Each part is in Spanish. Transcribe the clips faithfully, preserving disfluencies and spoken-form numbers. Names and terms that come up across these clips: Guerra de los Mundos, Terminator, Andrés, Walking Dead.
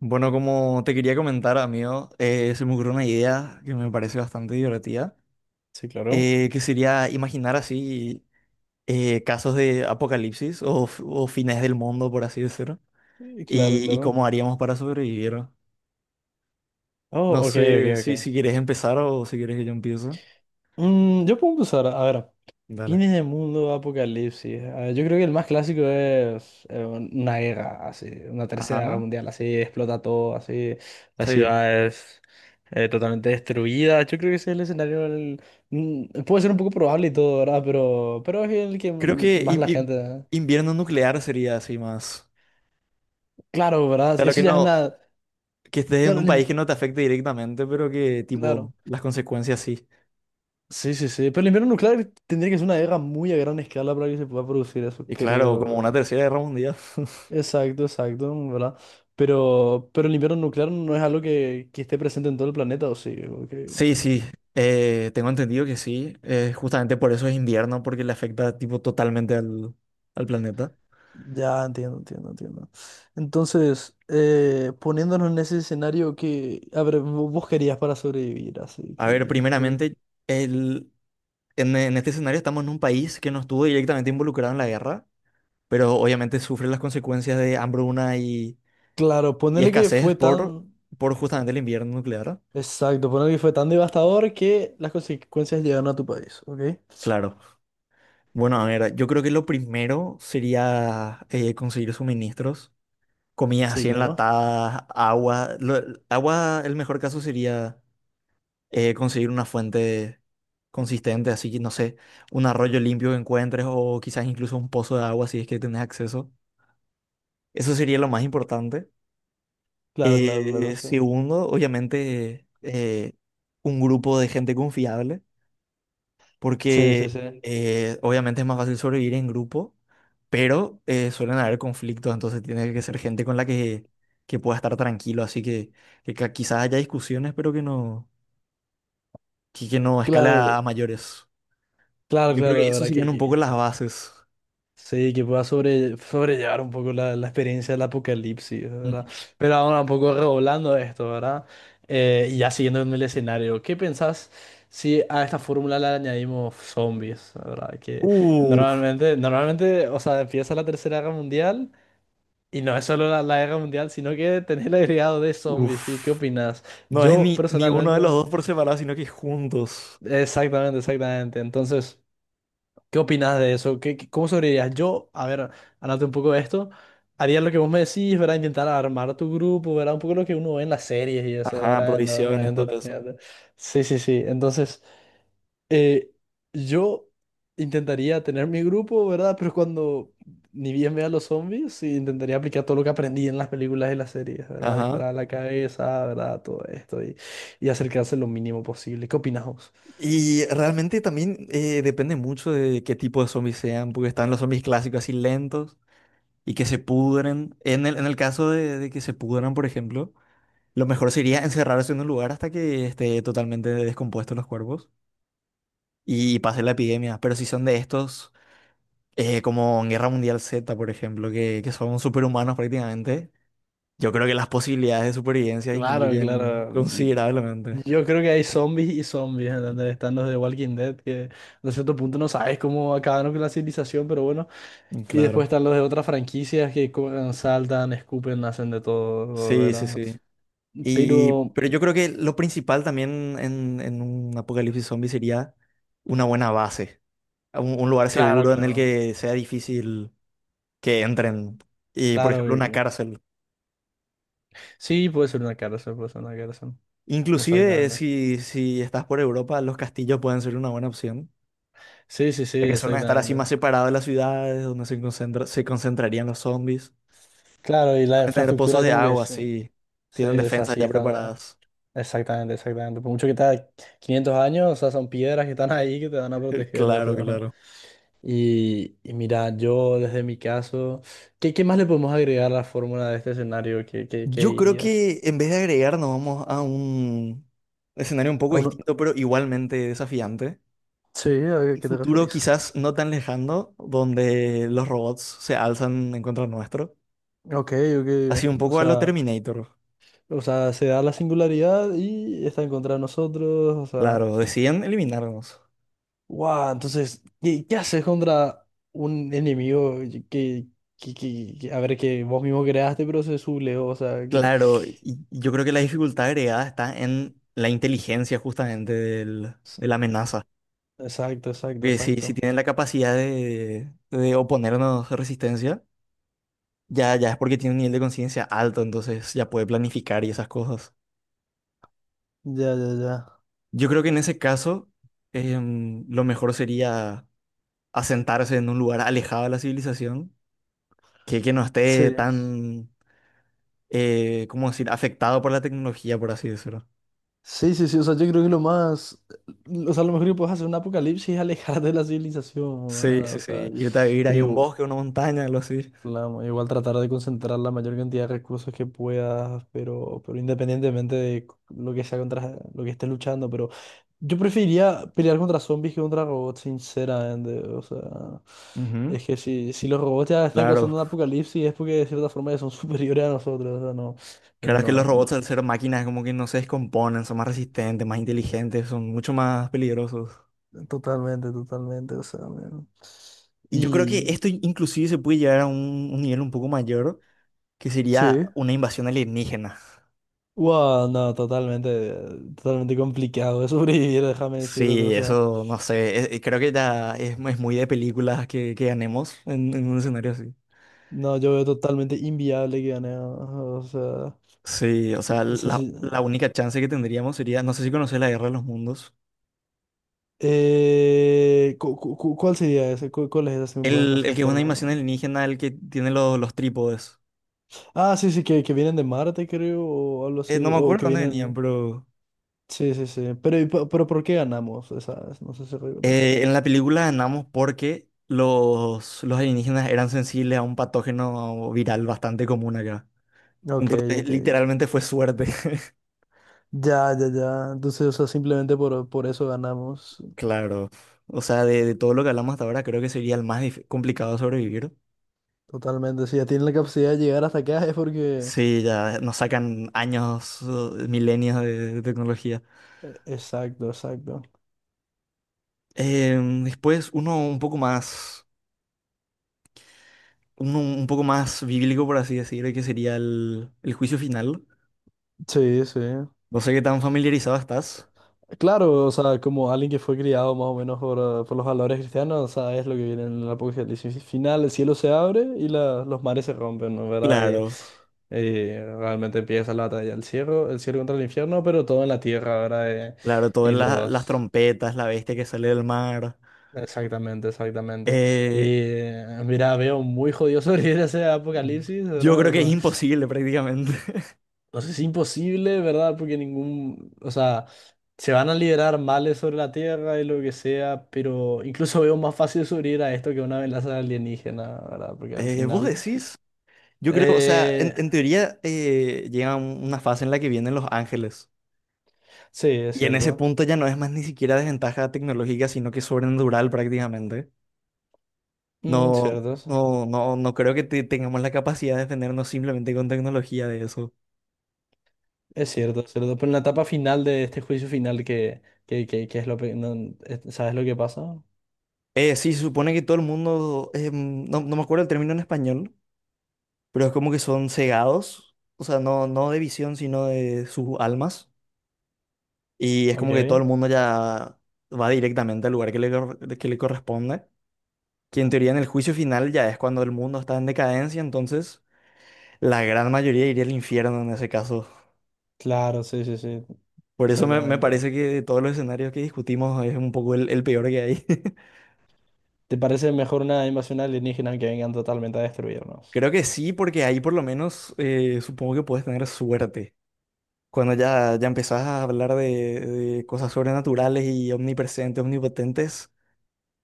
Bueno, como te quería comentar, amigo, eh, se me ocurrió una idea que me parece bastante divertida, Sí, claro. eh, que sería imaginar así eh, casos de apocalipsis o, f- o fines del mundo, por así decirlo, Eh, Claro, y, y claro. cómo haríamos para sobrevivir. No Oh, ok, ok, sé si, ok. si quieres empezar o si quieres que yo empiece. Mm, yo puedo empezar. A ver, Dale. fines de mundo, apocalipsis. A ver, yo creo que el más clásico es eh, una guerra, así, una tercera guerra Ajá, mundial, así, explota todo, así, las sí. ciudades eh, totalmente destruida. Yo creo que ese es el escenario. el- mm, puede ser un poco probable y todo, ¿verdad? Pero, pero es el que Creo que más la i- i- gente. invierno nuclear sería así más. Claro, ¿verdad? Claro que Eso ya es no, una. que estés en Claro, un el país im- que no te afecte directamente, pero que claro. tipo las consecuencias sí. Sí, sí, sí. Pero el invierno nuclear tendría que ser una guerra muy a gran escala para que se pueda producir eso, Y claro, como una creo. tercera guerra mundial. Exacto, exacto, ¿verdad? Pero, pero el invierno nuclear no es algo que, que esté presente en todo el planeta, ¿o sí? Ok. Sí, sí, eh, tengo entendido que sí. Eh, justamente por eso es invierno, porque le afecta tipo totalmente al, al planeta. Ya, entiendo, entiendo, entiendo. Entonces, eh, poniéndonos en ese escenario que, a ver, vo- vos querías para sobrevivir, así A que, ver, que- que- primeramente, el, en, en este escenario estamos en un país que no estuvo directamente involucrado en la guerra, pero obviamente sufre las consecuencias de hambruna y, Claro, y ponerle que escasez fue por, tan. por justamente el invierno nuclear. Exacto, ponerle que fue tan devastador que las consecuencias llegaron a tu país, ¿ok? Claro. Bueno, a ver, yo creo que lo primero sería eh, conseguir suministros. Comidas Sí, así claro. enlatadas, agua. Lo- el agua, el mejor caso sería eh, conseguir una fuente consistente, así que no sé, un arroyo limpio que encuentres o quizás incluso un pozo de agua si es que tenés acceso. Eso sería lo más importante. Claro, claro, claro, Eh, sí. Segundo, obviamente, eh, un grupo de gente confiable, Sí, sí, porque sí. eh, obviamente es más fácil sobrevivir en grupo, pero eh, suelen haber conflictos, entonces tiene que ser gente con la que, que pueda estar tranquilo, así que, que ca- quizás haya discusiones, pero que no, que, que no escala Claro, a a mayores. claro, Yo creo claro, que de eso ¿verdad? serían Que, un poco que- las bases. sí, que pueda sobre, sobrellevar un poco la, la experiencia del apocalipsis, ¿verdad? Ujú. Pero ahora un poco redoblando esto, ¿verdad? Eh, y ya siguiendo en el escenario, ¿qué pensás si a esta fórmula le añadimos zombies, ¿verdad? Que Uh, normalmente, normalmente, o sea, empieza la Tercera Guerra Mundial. Y no es solo la, la guerra mundial, sino que tenés el agregado de zombies. ¿Qué, qué Uf. opinás? No es Yo ni, ni uno de los personalmente, dos por separado, sino que juntos. exactamente, exactamente. Entonces. ¿Qué opinas de eso? ¿Qué, qué- cómo sobrevivirías? Yo, a ver, hablando un poco de esto, haría lo que vos me decís, ¿verdad? Intentar armar tu grupo, ¿verdad? Un poco lo que uno ve en las series y eso, Ajá, ¿verdad? En los medios prohibiciones, de todo eso. entretenimiento. Sí, sí, sí. Entonces, eh, yo intentaría tener mi grupo, ¿verdad? Pero cuando ni bien vea los zombies, sí, intentaría aplicar todo lo que aprendí en las películas y las series, ¿verdad? Ajá. Disparar a la cabeza, ¿verdad? Todo esto y, y acercarse lo mínimo posible. ¿Qué opinas vos? Y realmente también eh, depende mucho de qué tipo de zombies sean, porque están los zombies clásicos así lentos y que se pudren. En el, en el caso de, de que se pudran, por ejemplo, lo mejor sería encerrarse en un lugar hasta que esté totalmente descompuesto los cuerpos y pase la epidemia. Pero si son de estos, eh, como en Guerra Mundial Z, por ejemplo, que, que son superhumanos prácticamente, yo creo que las posibilidades de supervivencia Claro, disminuyen claro. Yo considerablemente. yo creo que hay zombies y zombies, ¿entendés? Están los de Walking Dead, que a cierto punto no sabes cómo acabaron con la civilización, pero bueno. Y después Claro. están los de otras franquicias que co- eh, saltan, escupen, hacen de todo, Sí, sí, ¿verdad? sí. Y, Pero, pero yo creo que lo principal también en, en un apocalipsis zombie sería una buena base, un, un lugar claro, seguro en el claro, que sea difícil que entren. Y, por claro ejemplo, que una que- cárcel. Sí, puede ser una cárcel, puede ser una cárcel. Inclusive Exactamente. si, si estás por Europa, los castillos pueden ser una buena opción, Sí, sí, sí, ya que suelen estar así exactamente. más separados de las ciudades, donde se concentra- se concentrarían los zombies. Claro, y la Pueden tener pozos infraestructura de como que agua, se, así. se Tienen defensas desasía ya esta. preparadas. Exactamente, exactamente. Por mucho que está quinientos años, o sea, son piedras que están ahí que te van a proteger, o Claro, sea. Ajá. claro. Y, y mira, yo desde mi caso, ¿qué, qué más le podemos agregar a la fórmula de este escenario? ¿Qué, qué, qué Yo creo dirías? que en vez de agregar, nos vamos a un escenario un poco A uno- distinto, pero igualmente desafiante. Sí, ¿a Un qué te futuro referís? quizás no tan lejano, donde los robots se alzan en contra nuestro. Ok, Así ok. un O poco a lo sea, Terminator. o sea, se da la singularidad y está en contra de nosotros, o sea. Claro, deciden eliminarnos. Wow, entonces, ¿qué, qué haces contra un enemigo que, que, que, que- a ver, que vos mismo creaste, pero se sublevó, o sea, que. Claro, y y yo creo que la dificultad agregada está en la inteligencia justamente del- de la amenaza. Exacto, exacto, Que si, si exacto. tienen la capacidad de, de oponernos resistencia, Ya, ya es porque tiene un nivel de conciencia alto, entonces ya puede planificar y esas cosas. Ya, ya, ya. Yo creo que en ese caso, em, lo mejor sería asentarse en un lugar alejado de la civilización, que, que no esté Sí. tan, eh, ¿cómo decir?, afectado por la tecnología, por así decirlo. Sí, sí, sí. O sea, yo creo que lo más. O sea, lo mejor que puedes hacer en un apocalipsis es alejarte de la civilización, Sí, ¿verdad? O sí, sí. sea, Irte a vivir ahí pero, a un igu- bosque, una montaña, algo así. La- igual tratar de concentrar la mayor cantidad de recursos que puedas, pero, pero independientemente de c- lo que sea contra lo que estés luchando, pero yo preferiría pelear contra zombies que contra robots, sinceramente. O sea, Ujú. es que si, si los robots ya están Claro, causando un apocalipsis es porque de cierta forma ya son superiores a nosotros. O sea, no, claro es que los no, no. robots al ser máquinas como que no se descomponen, son más resistentes, más inteligentes, son mucho más peligrosos. Totalmente, totalmente. O sea, me- Y yo creo que y esto inclusive se puede llevar a un, un nivel un poco mayor, que sería sí. una invasión alienígena. Wow, no, totalmente, totalmente complicado de sobrevivir, déjame decirte, o Sí, sea. eso no sé, es- eh, creo que ya es, es muy de películas que, que ganemos en, en un escenario así. No, yo veo totalmente inviable que gane. ah, O sea, Sí, o sea, o sea, la, sí. la única chance que tendríamos sería, no sé si conoces la Guerra de los Mundos, Eh, cu- cu- cu- ¿cuál sería ese? ¿Cu- ¿Cuál es ese? Si me puedes el, el que es refrescar una la. invasión alienígena, el que tiene los, los trípodes. Ah, sí, sí, que, que vienen de Marte, creo, o algo Eh, no así. me O acuerdo que dónde venían, vienen. pero Sí, sí, sí. Pero, ¿y po- pero ¿por qué ganamos esas? No sé si recuerdas. eh, en la película ganamos porque los, los alienígenas eran sensibles a un patógeno viral bastante común acá. Ok, Entonces, ok. literalmente fue suerte, Ya, ya, ya. Entonces, o sea, simplemente por, por eso ganamos. claro. O sea, de, de todo lo que hablamos hasta ahora, creo que sería el más dif- complicado de sobrevivir. Totalmente. Si ya tienen la capacidad de llegar hasta acá es porque. Sí, ya nos sacan años, eh, milenios de, de tecnología. e- Exacto, exacto. Em, después, uno un poco más, uno un poco más bíblico, por así decir, que sería el, el juicio final. Sí, sí. No sé qué tan familiarizado estás. Claro, o sea, como alguien que fue criado más o menos por, eh, por los valores cristianos, o sea, es lo que viene en el Apocalipsis final, el cielo se abre y la- los mares se rompen, ¿no? ¿Verdad? Y, Claro, y realmente empieza la batalla del cielo, el cielo contra el infierno, pero todo en la tierra, ¿verdad? claro, Y, todas y la- las los... trompetas, la bestia que sale del mar. Exactamente, exactamente. Y Eh, eh, mira, veo muy jodido sobre ese Apocalipsis, yo creo que es ¿verdad? imposible prácticamente. No sé si imposible, ¿verdad? Porque ningún, o sea, se van a liberar males sobre la Tierra y lo que sea, pero incluso veo más fácil sobrevivir a esto que a una amenaza alienígena, ¿verdad? Porque al Eh, ¿vos final. decís? Yo creo, o sea, en, eh, en teoría eh, llega un- una fase en la que vienen los ángeles. sí, es Y en ese cierto. punto ya no es más ni siquiera desventaja tecnológica, sino que es sobrenatural prácticamente. Mm, No, cierto, eso. no, no, no creo que te- tengamos la capacidad de defendernos simplemente con tecnología de eso. Es cierto, es cierto. Pero en la etapa final de este juicio final que, que, que, que es lo. Pe- no, es- ¿sabes lo que pasa? Eh, sí, se supone que todo el mundo, em, no, no me acuerdo el término en español, pero es como que son cegados, o sea, no, no de visión, sino de sus almas. Y es como que todo el Ok. mundo ya va directamente al lugar que le, cor- que le corresponde. Que en teoría en el juicio final ya es cuando el mundo está en decadencia, entonces la gran mayoría iría al infierno en ese caso. Claro, sí, sí, sí. Por eso me, me Exactamente. parece que de todos los escenarios que discutimos es un poco el, el peor que hay. ¿Te parece mejor una invasión alienígena que vengan totalmente a destruirnos? Creo que sí, porque ahí por lo menos eh, supongo que puedes tener suerte. Cuando ya, ya empezás a hablar de, de cosas sobrenaturales y omnipresentes, omnipotentes,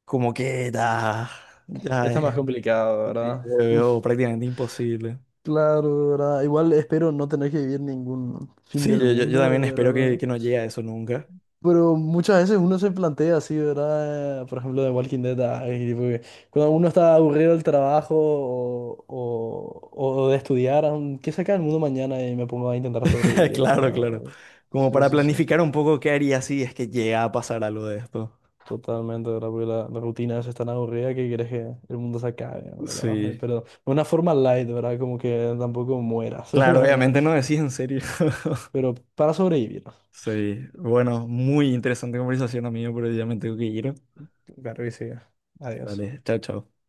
como que ya, ya Está más es, complicado, sí, ¿verdad? lo Uf, veo prácticamente imposible. claro, ¿verdad? Igual espero no tener que vivir ningún fin Sí, del yo, yo, yo también mundo, espero que, ¿verdad? que no llegue a eso nunca. Pero muchas veces uno se plantea así, ¿verdad? Eh, Por ejemplo, de Walking Dead, ay, tipo que cuando uno está aburrido del trabajo o, o- o de estudiar, am, ¿qué saca el mundo mañana? Y me pongo a intentar sobrevivir, Claro, ¿verdad? claro. Como Sí, para sí, sí. planificar un poco qué haría si es que llega a pasar algo de esto. Totalmente, ¿verdad? Porque la, la rutina es tan aburrida que quieres que el mundo se acabe, ¿verdad? Sí. Pero de una forma light, ¿verdad? Como que tampoco mueras. Claro, obviamente no decís en serio. Pero para sobrevivir. Sí. Bueno, muy interesante conversación, amigo, pero ya me tengo que ir. Claro que sí. Adiós. Vale, chao, chao.